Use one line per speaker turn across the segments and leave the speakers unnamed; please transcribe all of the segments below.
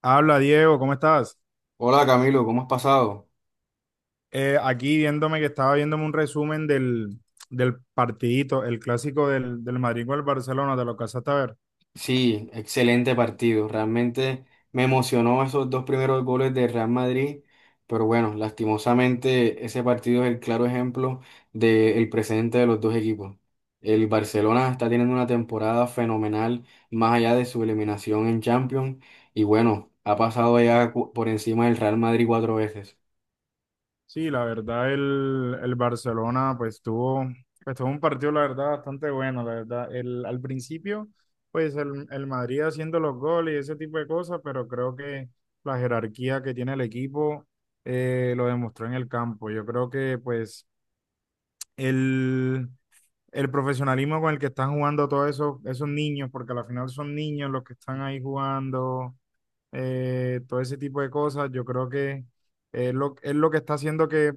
Habla Diego, ¿cómo estás?
Hola Camilo, ¿cómo has pasado?
Aquí viéndome que estaba viéndome un resumen del partidito, el clásico del Madrid con el Barcelona, te lo alcanzaste a ver.
Sí, excelente partido. Realmente me emocionó esos dos primeros goles de Real Madrid, pero bueno, lastimosamente ese partido es el claro ejemplo del presente de los dos equipos. El Barcelona está teniendo una temporada fenomenal más allá de su eliminación en Champions y bueno, ha pasado ya por encima del Real Madrid cuatro veces.
Sí, la verdad el Barcelona pues tuvo un partido la verdad bastante bueno, la verdad. El, al principio el Madrid haciendo los goles y ese tipo de cosas, pero creo que la jerarquía que tiene el equipo lo demostró en el campo. Yo creo que pues el... el profesionalismo con el que están jugando esos niños, porque al final son niños los que están ahí jugando, todo ese tipo de cosas, yo creo que es lo que está haciendo que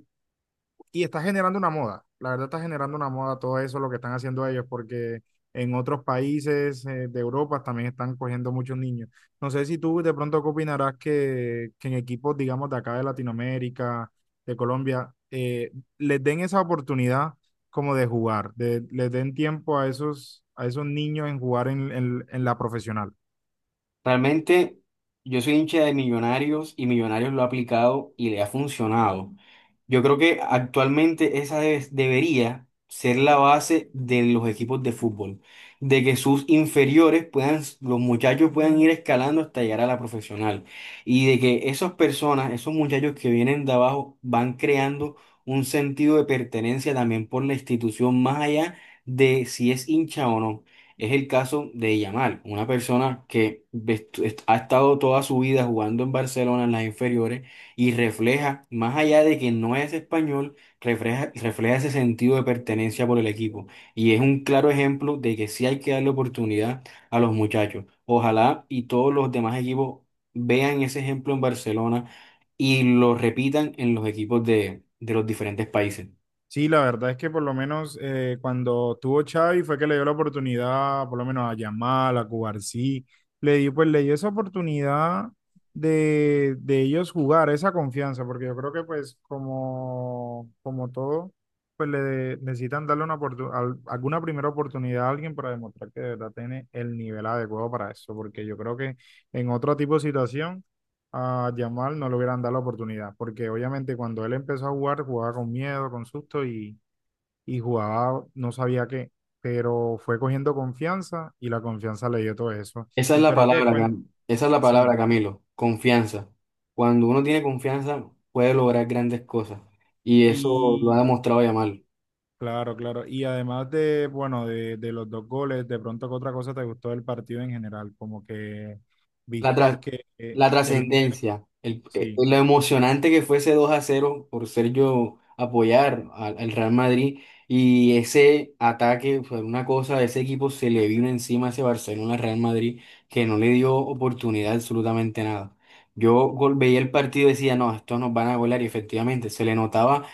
y está generando una moda. La verdad está generando una moda todo eso, lo que están haciendo ellos, porque en otros países de Europa también están cogiendo muchos niños. No sé si tú de pronto qué opinarás que en equipos, digamos, de acá de Latinoamérica, de Colombia, les den esa oportunidad como de jugar, de, les den tiempo a a esos niños en jugar en la profesional.
Realmente yo soy hincha de Millonarios y Millonarios lo ha aplicado y le ha funcionado. Yo creo que actualmente debería ser la base de los equipos de fútbol, de que sus inferiores puedan, los muchachos puedan ir escalando hasta llegar a la profesional y de que esas personas, esos muchachos que vienen de abajo van creando un sentido de pertenencia también por la institución más allá de si es hincha o no. Es el caso de Yamal, una persona que ha estado toda su vida jugando en Barcelona en las inferiores y refleja, más allá de que no es español, refleja, refleja ese sentido de pertenencia por el equipo. Y es un claro ejemplo de que sí hay que darle oportunidad a los muchachos. Ojalá y todos los demás equipos vean ese ejemplo en Barcelona y lo repitan en los equipos de los diferentes países.
Sí, la verdad es que por lo menos cuando tuvo Xavi fue que le dio la oportunidad, por lo menos a Yamal, a Cubarsí, le dio, pues le dio esa oportunidad de ellos jugar, esa confianza, porque yo creo que pues como todo, pues le necesitan darle una alguna primera oportunidad a alguien para demostrar que de verdad tiene el nivel adecuado para eso, porque yo creo que en otro tipo de situación a Yamal no le hubieran dado la oportunidad, porque obviamente cuando él empezó a jugar, jugaba con miedo, con susto y jugaba no sabía qué, pero fue cogiendo confianza y la confianza le dio todo eso.
Esa es
Y
la
pero qué
palabra,
cuenta,
Esa es la
sí,
palabra, Camilo, confianza. Cuando uno tiene confianza, puede lograr grandes cosas. Y eso lo ha
y
demostrado Yamal.
claro, claro, y además de de los dos goles, de pronto qué otra cosa te gustó del partido en general, como que
La,
viste
tra-
que,
la
que el, el-
trascendencia,
sí.
lo emocionante que fue ese 2 a cero por ser yo apoyar al Real Madrid y ese ataque fue una cosa, ese equipo se le vino encima a ese Barcelona-Real Madrid que no le dio oportunidad absolutamente nada. Veía el partido y decía, no, estos nos van a golear y efectivamente se le notaba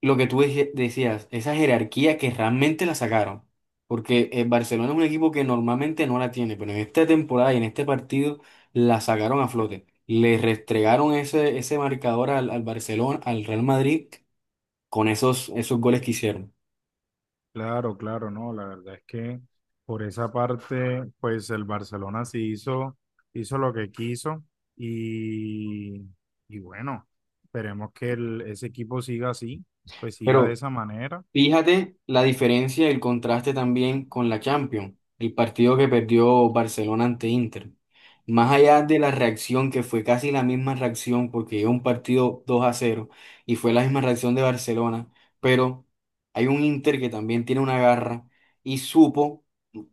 lo que decías, esa jerarquía que realmente la sacaron. Porque el Barcelona es un equipo que normalmente no la tiene, pero en esta temporada y en este partido la sacaron a flote. Le restregaron ese marcador al Barcelona, al Real Madrid, con esos goles que hicieron.
Claro, claro, no, la verdad es que por esa parte, pues el Barcelona sí hizo lo que quiso y, y bueno, esperemos que ese equipo siga así, pues siga de
Pero
esa manera.
Fíjate la diferencia y el contraste también con la Champions, el partido que perdió Barcelona ante Inter. Más allá de la reacción, que fue casi la misma reacción, porque llegó un partido 2-0 y fue la misma reacción de Barcelona, pero hay un Inter que también tiene una garra y supo,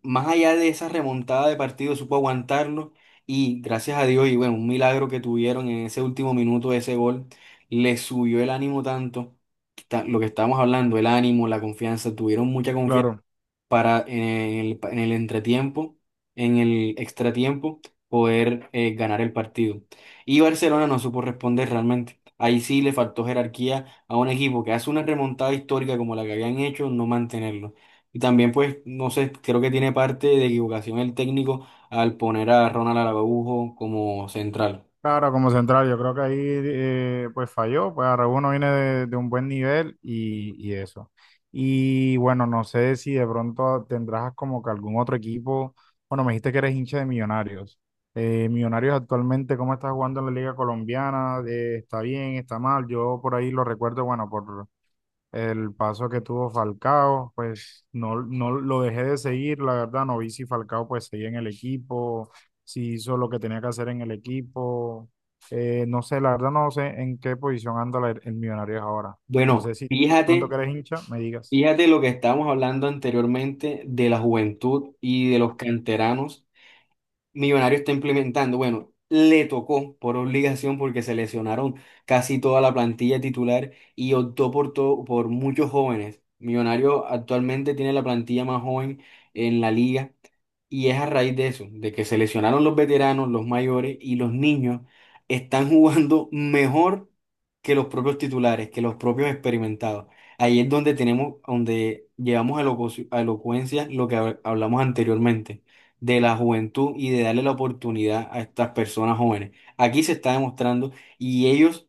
más allá de esa remontada de partido, supo aguantarlo y gracias a Dios, y bueno, un milagro que tuvieron en ese último minuto de ese gol, le subió el ánimo tanto lo que estábamos hablando, el ánimo, la confianza, tuvieron mucha confianza
Claro,
para en en el entretiempo, en el extratiempo, poder ganar el partido. Y Barcelona no supo responder realmente. Ahí sí le faltó jerarquía a un equipo que hace una remontada histórica como la que habían hecho, no mantenerlo. Y también, pues, no sé, creo que tiene parte de equivocación el técnico al poner a Ronald Araujo como central.
claro, como central, yo creo que ahí pues falló, pues Araújo no viene de un buen nivel y eso. Y bueno, no sé si de pronto tendrás como que algún otro equipo, bueno, me dijiste que eres hincha de Millonarios. Millonarios actualmente, ¿cómo está jugando en la Liga Colombiana? ¿Está bien? ¿Está mal? Yo por ahí lo recuerdo, bueno, por, el paso que tuvo Falcao, pues no, no lo dejé de seguir, la verdad, no vi si Falcao pues seguía en el equipo, si hizo lo que tenía que hacer en el equipo, no sé, la verdad no sé en qué posición anda el Millonarios ahora. No
Bueno,
sé si tú de pronto
fíjate
que eres hincha, me digas.
Fíjate lo que estábamos hablando anteriormente de la juventud y de los canteranos. Millonario está implementando, bueno, le tocó por obligación porque se lesionaron casi toda la plantilla titular y optó por muchos jóvenes. Millonario actualmente tiene la plantilla más joven en la liga y es a raíz de eso, de que se lesionaron los veteranos, los mayores y los niños están jugando mejor que los propios titulares, que los propios experimentados. Ahí es donde tenemos, donde llevamos a a elocuencia lo que hablamos anteriormente de la juventud y de darle la oportunidad a estas personas jóvenes. Aquí se está demostrando y ellos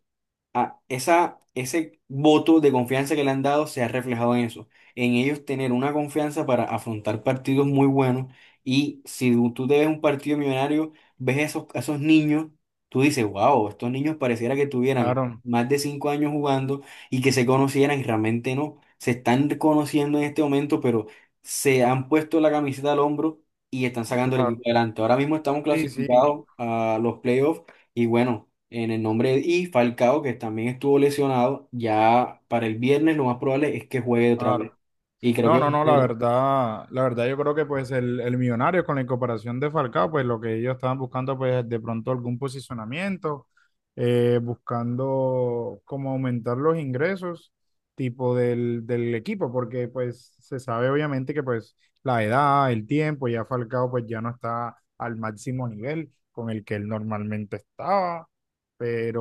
a ese voto de confianza que le han dado se ha reflejado en eso, en ellos tener una confianza para afrontar partidos muy buenos. Y si tú te ves un partido millonario, ves esos, a esos niños, tú dices, wow, estos niños pareciera que tuvieran
Claro,
más de cinco años jugando y que se conocieran y realmente no. Se están conociendo en este momento, pero se han puesto la camiseta al hombro y están sacando el equipo
claro,
adelante. Ahora mismo estamos
sí, sí,
clasificados a los playoffs y bueno en el nombre de, y Falcao, que también estuvo lesionado, ya para el viernes lo más probable es que juegue otra vez.
claro.
Y creo
No,
que va
no,
a
no,
ser
la verdad yo creo que pues el Millonario con la incorporación de Falcao, pues lo que ellos estaban buscando pues de pronto algún posicionamiento, buscando como aumentar los ingresos tipo del equipo, porque pues se sabe obviamente que pues la edad, el tiempo, ya Falcao pues ya no está al máximo nivel con el que él normalmente estaba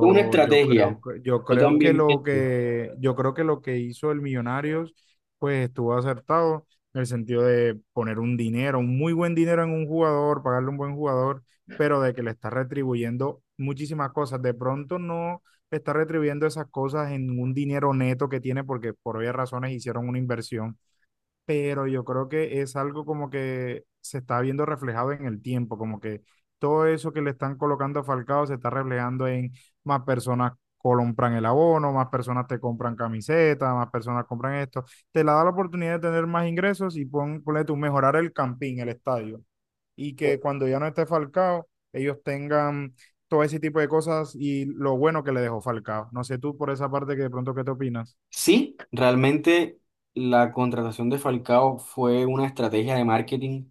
una estrategia.
yo
Yo
creo
también pienso.
yo creo que lo que hizo el Millonarios, pues estuvo acertado en el sentido de poner un dinero, un muy buen dinero en un jugador, pagarle un buen jugador, pero de que le está retribuyendo muchísimas cosas. De pronto no le está retribuyendo esas cosas en un dinero neto que tiene porque por obvias razones hicieron una inversión, pero yo creo que es algo como que se está viendo reflejado en el tiempo, como que todo eso que le están colocando a Falcao se está reflejando en más personas compran el abono, más personas te compran camisetas, más personas compran esto, te la da la oportunidad de tener más ingresos y ponle tú mejorar el campín, el estadio, y que cuando ya no esté Falcao, ellos tengan todo ese tipo de cosas y lo bueno que le dejó Falcao. No sé tú por esa parte que de pronto qué te opinas.
Sí, realmente la contratación de Falcao fue una estrategia de marketing,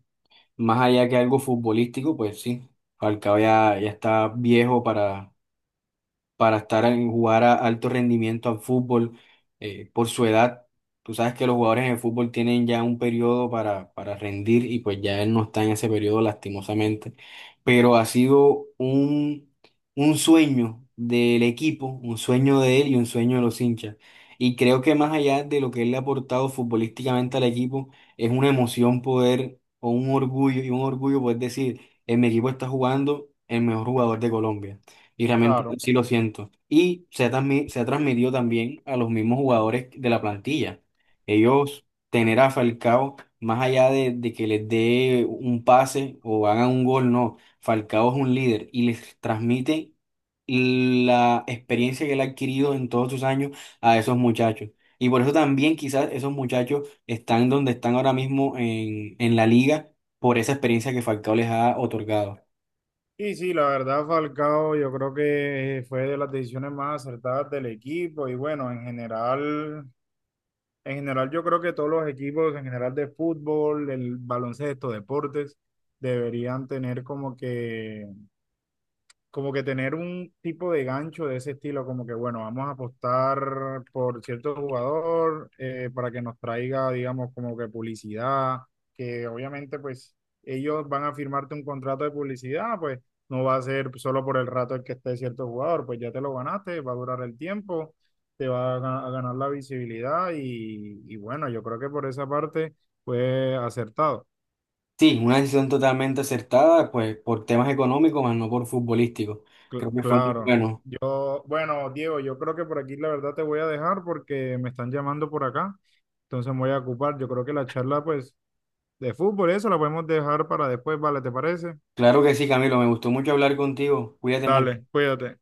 más allá que algo futbolístico, pues sí, Falcao ya, ya está viejo para estar en jugar a alto rendimiento al fútbol por su edad. Tú sabes que los jugadores en el fútbol tienen ya un periodo para rendir y pues ya él no está en ese periodo lastimosamente, pero ha sido un sueño del equipo, un sueño de él y un sueño de los hinchas. Y creo que más allá de lo que él le ha aportado futbolísticamente al equipo, es una emoción poder, o un orgullo, y un orgullo poder decir, en mi equipo está jugando el mejor jugador de Colombia. Y realmente
Claro.
sí lo siento. Y se ha transmitido también a los mismos jugadores de la plantilla. Ellos, tener a Falcao, más allá de que les dé un pase o hagan un gol, no. Falcao es un líder y les transmite la experiencia que él ha adquirido en todos sus años a esos muchachos. Y por eso también quizás esos muchachos están donde están ahora mismo en la liga por esa experiencia que Falcao les ha otorgado.
Sí, sí, la verdad, Falcao, yo creo que fue de las decisiones más acertadas del equipo y bueno, en general yo creo que todos los equipos en general de fútbol, el baloncesto, deportes, deberían tener como que tener un tipo de gancho de ese estilo, como que bueno, vamos a apostar por cierto jugador para que nos traiga, digamos, como que publicidad, que obviamente pues ellos van a firmarte un contrato de publicidad, pues no va a ser solo por el rato el que esté cierto jugador, pues ya te lo ganaste, va a durar el tiempo, te va a ganar la visibilidad y bueno, yo creo que por esa parte fue acertado.
Sí, una decisión totalmente acertada, pues por temas económicos, más no por futbolísticos. Creo que fue muy
Claro.
bueno.
Yo, bueno, Diego, yo creo que por aquí la verdad te voy a dejar porque me están llamando por acá, entonces me voy a ocupar. Yo creo que la charla, pues, de fútbol, eso la podemos dejar para después, ¿vale? ¿Te parece?
Claro que sí, Camilo, me gustó mucho hablar contigo. Cuídate mucho.
Dale, cuídate.